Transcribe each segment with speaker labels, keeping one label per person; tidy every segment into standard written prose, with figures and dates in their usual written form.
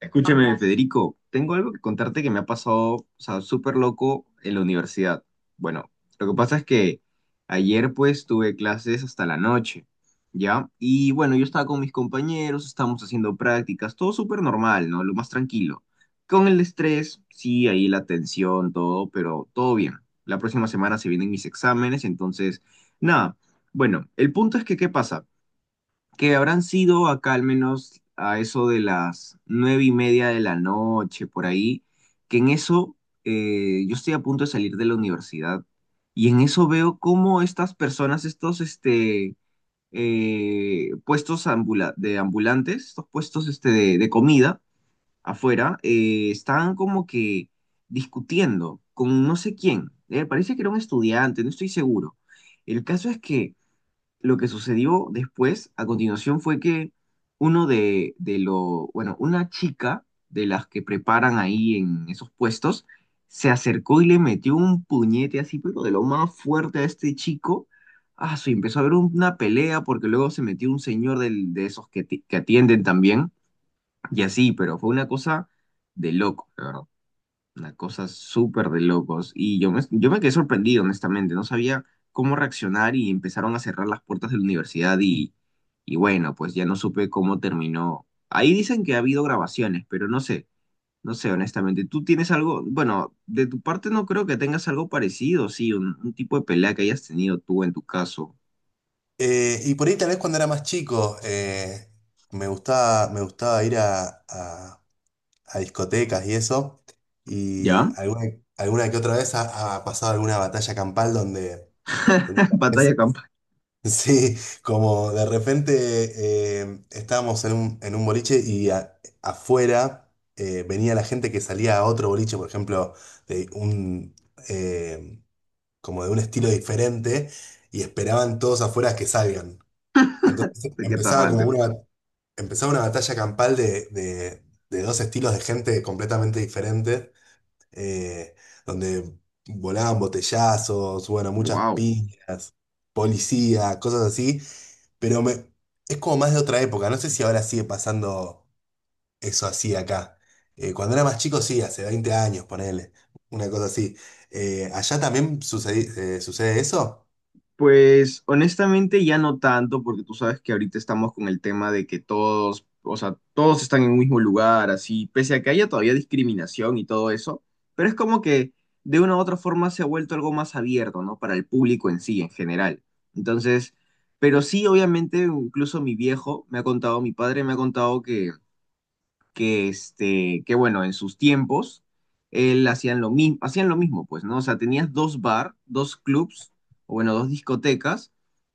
Speaker 1: Escúchame, Federico, tengo algo que contarte que me ha pasado, o sea, súper loco en la universidad. Bueno, lo que pasa es que ayer pues tuve clases hasta la noche, ¿ya? Y bueno, yo estaba con mis compañeros, estábamos haciendo prácticas, todo súper normal, ¿no? Lo más tranquilo. Con el estrés, sí, ahí la tensión, todo, pero todo bien. La próxima semana se vienen mis exámenes, entonces, nada. Bueno, el punto es que, ¿qué pasa? Que habrán sido acá al menos a eso de las 9:30 de la noche, por ahí, que en eso yo estoy a punto de salir de la universidad y en eso veo cómo estas personas, puestos ambula- de ambulantes, estos puestos de comida afuera, estaban como que discutiendo con no sé quién. Parece que era un estudiante, no estoy seguro. El caso es que lo que sucedió después, a continuación, fue que uno de lo, bueno, una chica de las que preparan ahí en esos puestos, se acercó y le metió un puñete así, pero de lo más fuerte a este chico. Ah, sí, empezó a haber una pelea porque luego se metió un señor de esos que, que atienden también y así, pero fue una cosa de loco, la verdad. Una cosa súper de locos. Y yo me quedé sorprendido, honestamente. No sabía cómo reaccionar y empezaron a cerrar las puertas de la universidad y bueno, pues ya no supe cómo terminó. Ahí dicen que ha habido grabaciones, pero no sé, honestamente. ¿Tú tienes algo? Bueno, de tu parte no creo que tengas algo parecido, sí, un tipo de pelea que hayas tenido tú en tu caso.
Speaker 2: Y por ahí tal vez cuando era más chico me gustaba ir a discotecas y eso. Y
Speaker 1: ¿Ya?
Speaker 2: alguna que otra vez ha pasado alguna batalla campal donde tal
Speaker 1: Batalla
Speaker 2: vez-
Speaker 1: campal
Speaker 2: sí, como de repente estábamos en un boliche y afuera venía la gente que salía a otro boliche, por ejemplo, de un, eh, como de un estilo diferente, y esperaban todos afuera que salgan. Entonces
Speaker 1: de Quetarrante.
Speaker 2: empezaba una batalla campal de dos estilos de gente completamente diferentes, eh, donde volaban botellazos, bueno, muchas
Speaker 1: Wow.
Speaker 2: piñas, policía, cosas así, pero me, es como más de otra época, no sé si ahora sigue pasando eso así acá. Cuando era más chico, sí, hace 20 años, ponele, una cosa así. ¿Allá también sucede, sucede eso?
Speaker 1: Pues honestamente ya no tanto, porque tú sabes que ahorita estamos con el tema de que todos, o sea, todos están en un mismo lugar, así, pese a que haya todavía discriminación y todo eso, pero es como que de una u otra forma se ha vuelto algo más abierto, ¿no? Para el público en sí, en general. Entonces, pero sí, obviamente, incluso mi viejo me ha contado, mi padre me ha contado que bueno, en sus tiempos, él hacían lo mismo, pues, ¿no? O sea, tenías dos clubs, o bueno, dos discotecas,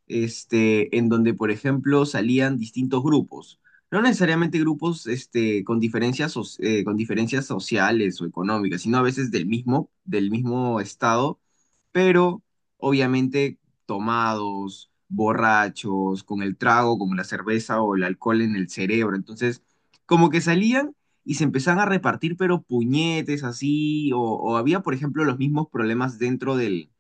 Speaker 1: en donde, por ejemplo, salían distintos grupos. No necesariamente grupos con diferencias, con diferencias sociales o económicas, sino a veces del mismo estado, pero obviamente tomados, borrachos, con el trago, con la cerveza o el alcohol en el cerebro. Entonces, como que salían y se empezaban a repartir, pero puñetes así, o había, por ejemplo, los mismos problemas dentro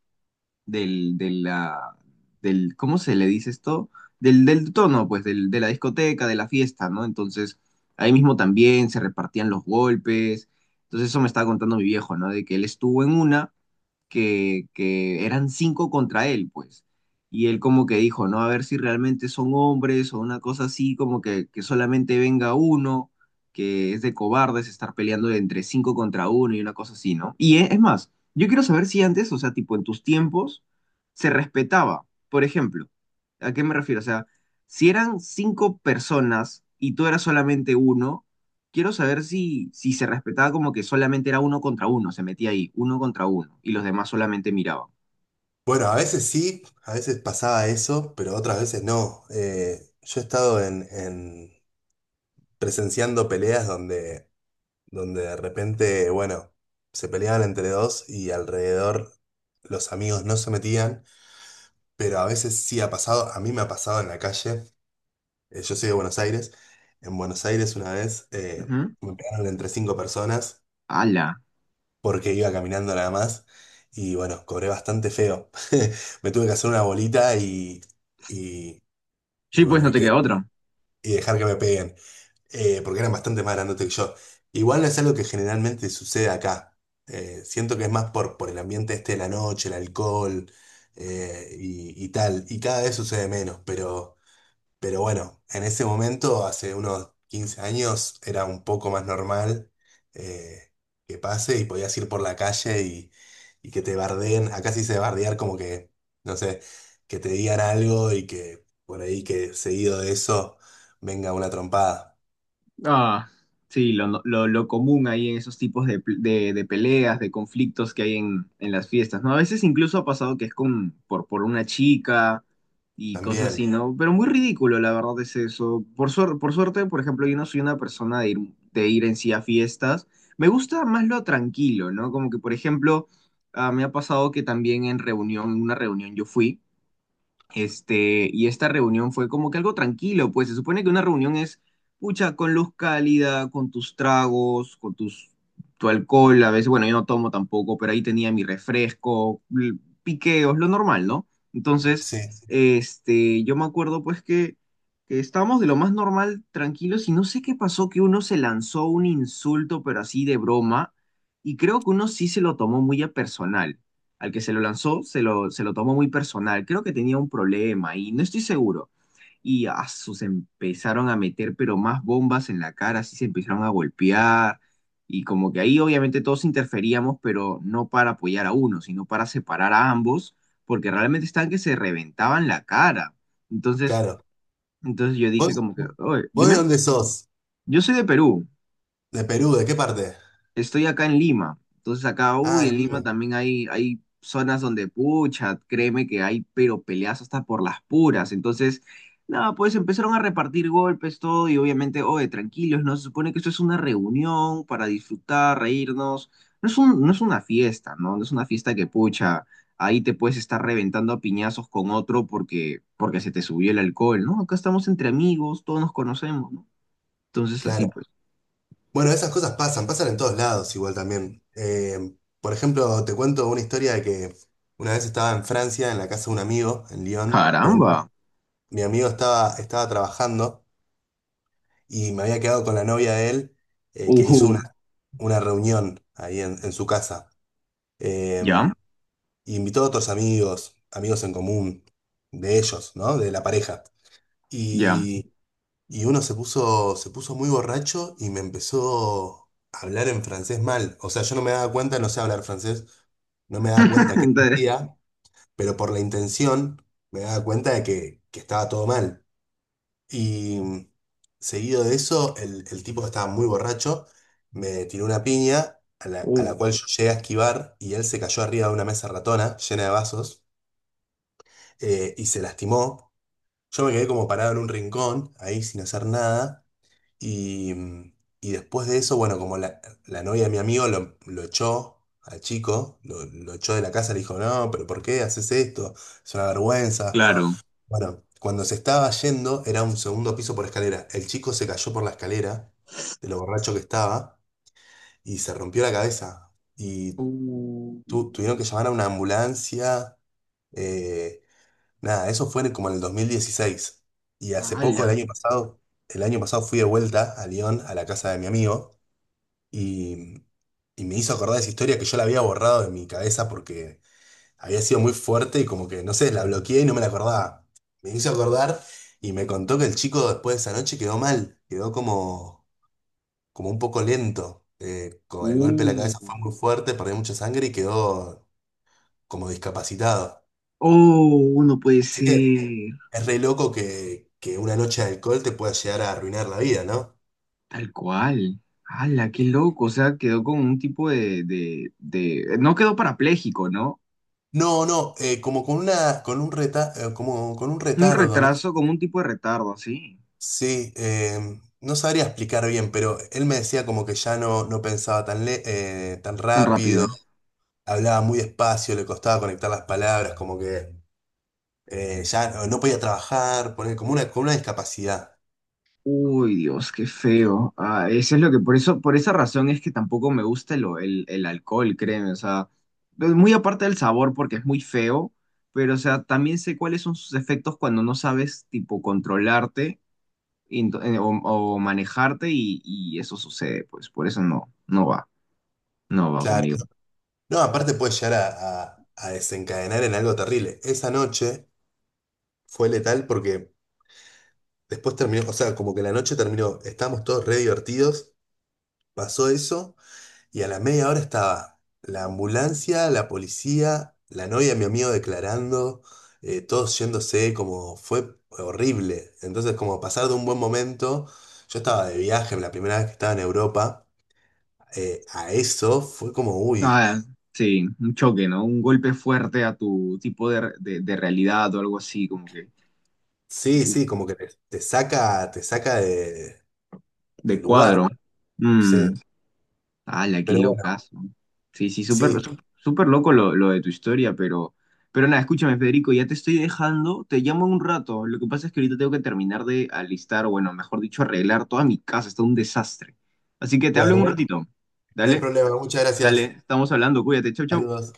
Speaker 1: del, de la, del, ¿cómo se le dice esto? Del tono, pues, del, de la discoteca, de la fiesta, ¿no? Entonces, ahí mismo también se repartían los golpes. Entonces, eso me estaba contando mi viejo, ¿no? De que él estuvo en una que eran cinco contra él, pues. Y él como que dijo, no, a ver si realmente son hombres o una cosa así, como que solamente venga uno, que es de cobardes estar peleando de entre cinco contra uno y una cosa así, ¿no? Y es más, yo quiero saber si antes, o sea, tipo en tus tiempos, se respetaba. Por ejemplo, ¿a qué me refiero? O sea, si eran cinco personas y tú eras solamente uno, quiero saber si se respetaba como que solamente era uno contra uno, se metía ahí, uno contra uno, y los demás solamente miraban.
Speaker 2: Bueno, a veces sí, a veces pasaba eso, pero otras veces no. Yo he estado presenciando peleas donde de repente, bueno, se peleaban entre dos y alrededor los amigos no se metían, pero a veces sí ha pasado, a mí me ha pasado en la calle. Yo soy de Buenos Aires. En Buenos Aires una vez
Speaker 1: Ujú.
Speaker 2: me pegaron entre 5 personas
Speaker 1: ¡Hala!
Speaker 2: porque iba caminando nada más y bueno, cobré bastante feo. Me tuve que hacer una bolita y... y
Speaker 1: Sí,
Speaker 2: Y
Speaker 1: pues
Speaker 2: bueno,
Speaker 1: no te queda otro.
Speaker 2: y dejar que me peguen, porque eran bastante más grandotes que yo. Igual no es algo que generalmente sucede acá. Siento que es más por el ambiente este de la noche, el alcohol y tal. Y cada vez sucede menos, pero... Pero bueno, en ese momento, hace unos 15 años, era un poco más normal, eh, que pase, y podías ir por la calle y que te bardeen. Acá sí se bardear, como que, no sé, que te digan algo y que por ahí que seguido de eso venga una trompada.
Speaker 1: Ah, sí, lo, no- lo común ahí en esos tipos de, de peleas, de conflictos que hay en las fiestas, ¿no? A veces incluso ha pasado que es por una chica y cosas
Speaker 2: También,
Speaker 1: así, ¿no? Pero muy ridículo, la verdad, es eso. Por suerte, por ejemplo, yo no soy una persona de de ir en sí a fiestas. Me gusta más lo tranquilo, ¿no? Como que, por ejemplo, ah, me ha pasado que también en una reunión yo fui. Y esta reunión fue como que algo tranquilo, pues se supone que una reunión es, pucha, con luz cálida, con tus tragos, tu alcohol, a veces, bueno, yo no tomo tampoco, pero ahí tenía mi refresco, piqueos, lo normal, ¿no? Entonces,
Speaker 2: sí,
Speaker 1: yo me acuerdo pues que estábamos de lo más normal, tranquilos, y no sé qué pasó, que uno se lanzó un insulto, pero así de broma, y creo que uno sí se lo tomó muy a personal al que se lo lanzó se lo tomó muy personal. Creo que tenía un problema y no estoy seguro. Se empezaron a meter, pero más bombas en la cara, así se empezaron a golpear. Y como que ahí obviamente todos interferíamos, pero no para apoyar a uno, sino para separar a ambos, porque realmente estaban que se reventaban la cara. Entonces,
Speaker 2: claro.
Speaker 1: entonces yo dije
Speaker 2: ¿Vos,
Speaker 1: como que, "Oye,
Speaker 2: vos de
Speaker 1: dime,
Speaker 2: dónde sos?
Speaker 1: yo soy de Perú,
Speaker 2: ¿De Perú? ¿De qué parte?
Speaker 1: estoy acá en Lima". Entonces acá, uy,
Speaker 2: Ah,
Speaker 1: en Lima
Speaker 2: Lima,
Speaker 1: también hay zonas donde, pucha, créeme que hay, pero peleas hasta por las puras, entonces, nada, pues empezaron a repartir golpes, todo, y obviamente, oye, tranquilos, ¿no? Se supone que esto es una reunión para disfrutar, reírnos, no es una fiesta, ¿no? No es una fiesta que, pucha, ahí te puedes estar reventando a piñazos con otro porque se te subió el alcohol, ¿no? Acá estamos entre amigos, todos nos conocemos, ¿no? Entonces, así
Speaker 2: claro.
Speaker 1: pues,
Speaker 2: Bueno, esas cosas pasan, pasan en todos lados igual también. Por ejemplo, te cuento una historia de que una vez estaba en Francia, en la casa de un amigo, en Lyon, pero
Speaker 1: caramba,
Speaker 2: mi amigo estaba trabajando y me había quedado con la novia de él, que hizo
Speaker 1: ujú,
Speaker 2: una reunión ahí en su casa. Eh,
Speaker 1: ¿ya?
Speaker 2: invitó a otros amigos, amigos en común, de ellos, ¿no? De la pareja.
Speaker 1: Ya,
Speaker 2: y Y se puso muy borracho y me empezó a hablar en francés mal. O sea, yo no me daba cuenta, no sé hablar francés, no me daba cuenta qué
Speaker 1: entonces,
Speaker 2: decía, pero por la intención me daba cuenta de que estaba todo mal. Y seguido de eso, el tipo que estaba muy borracho me tiró una piña a a la cual yo llegué a esquivar, y él se cayó arriba de una mesa ratona llena de vasos, y se lastimó. Yo me quedé como parado en un rincón, ahí sin hacer nada. Y, mm, y después de eso, bueno, como la novia de mi amigo lo echó al chico, lo echó de la casa, le dijo, no, pero ¿por qué haces esto? Es una vergüenza.
Speaker 1: claro.
Speaker 2: Bueno, cuando se estaba yendo, era un segundo piso por escalera. El chico se cayó por la escalera, de lo borracho que estaba, y se rompió la cabeza. Y tuvieron que llamar a una ambulancia. Eh, nada, eso fue como en el 2016. Y hace poco,
Speaker 1: ¡Hala!
Speaker 2: el año pasado fui de vuelta a Lyon, a la casa de mi amigo. Y, y me hizo acordar esa historia que yo la había borrado de mi cabeza porque había sido muy fuerte y como que, no sé, la bloqueé y no me la acordaba. Me hizo acordar y me contó que el chico después de esa noche quedó mal, quedó como, como un poco lento. Eh, el golpe en la
Speaker 1: ¡Uh!
Speaker 2: cabeza fue muy fuerte, perdió mucha sangre y quedó como discapacitado.
Speaker 1: ¡Oh! No puede
Speaker 2: Así que
Speaker 1: ser.
Speaker 2: es re loco que una noche de alcohol te pueda llegar a arruinar la vida, ¿no?
Speaker 1: Tal cual. ¡Hala! ¡Qué loco! O sea, quedó con un tipo No quedó parapléjico, ¿no?
Speaker 2: No, no, con un reta, como con un
Speaker 1: Un
Speaker 2: retardo, ¿no?
Speaker 1: retraso, como un tipo de retardo, así.
Speaker 2: Sí, no sabría explicar bien, pero él me decía como que ya no pensaba tan, tan
Speaker 1: Tan rápido.
Speaker 2: rápido, hablaba muy despacio, le costaba conectar las palabras, como que ya no podía trabajar, poner como una discapacidad.
Speaker 1: Uy, Dios, qué feo. Ah, eso es lo que, por eso, por esa razón es que tampoco me gusta el alcohol, créeme. O sea, pues, muy aparte del sabor porque es muy feo, pero o sea, también sé cuáles son sus efectos cuando no sabes, tipo, controlarte y o manejarte y eso sucede, pues por eso no va, no va
Speaker 2: Claro.
Speaker 1: conmigo.
Speaker 2: No, aparte puede llegar a desencadenar en algo terrible. Esa noche fue letal porque después terminó, o sea, como que la noche terminó, estábamos todos re divertidos, pasó eso. Y a la media hora estaba la ambulancia, la policía, la novia de mi amigo declarando, todos yéndose, como fue horrible. Entonces, como pasar de un buen momento, yo estaba de viaje, la primera vez que estaba en Europa, a eso fue como, uy,
Speaker 1: Ah, sí, un choque, ¿no? Un golpe fuerte a tu tipo de realidad o algo así, como que
Speaker 2: sí, sí, como que te saca de
Speaker 1: de
Speaker 2: lugar,
Speaker 1: cuadro. Mm.
Speaker 2: sí.
Speaker 1: ¡Ala, qué
Speaker 2: Pero bueno,
Speaker 1: locazo! Sí, sí, súper
Speaker 2: sí,
Speaker 1: súper súper loco lo de tu historia, pero nada, escúchame, Federico, ya te estoy dejando, te llamo en un rato. Lo que pasa es que ahorita tengo que terminar de alistar, o bueno, mejor dicho, arreglar toda mi casa, está un desastre. Así que te hablo
Speaker 2: bueno,
Speaker 1: en un ratito.
Speaker 2: no hay
Speaker 1: Dale,
Speaker 2: problema, muchas
Speaker 1: dale,
Speaker 2: gracias.
Speaker 1: estamos hablando, cuídate, chau, chau.
Speaker 2: Saludos.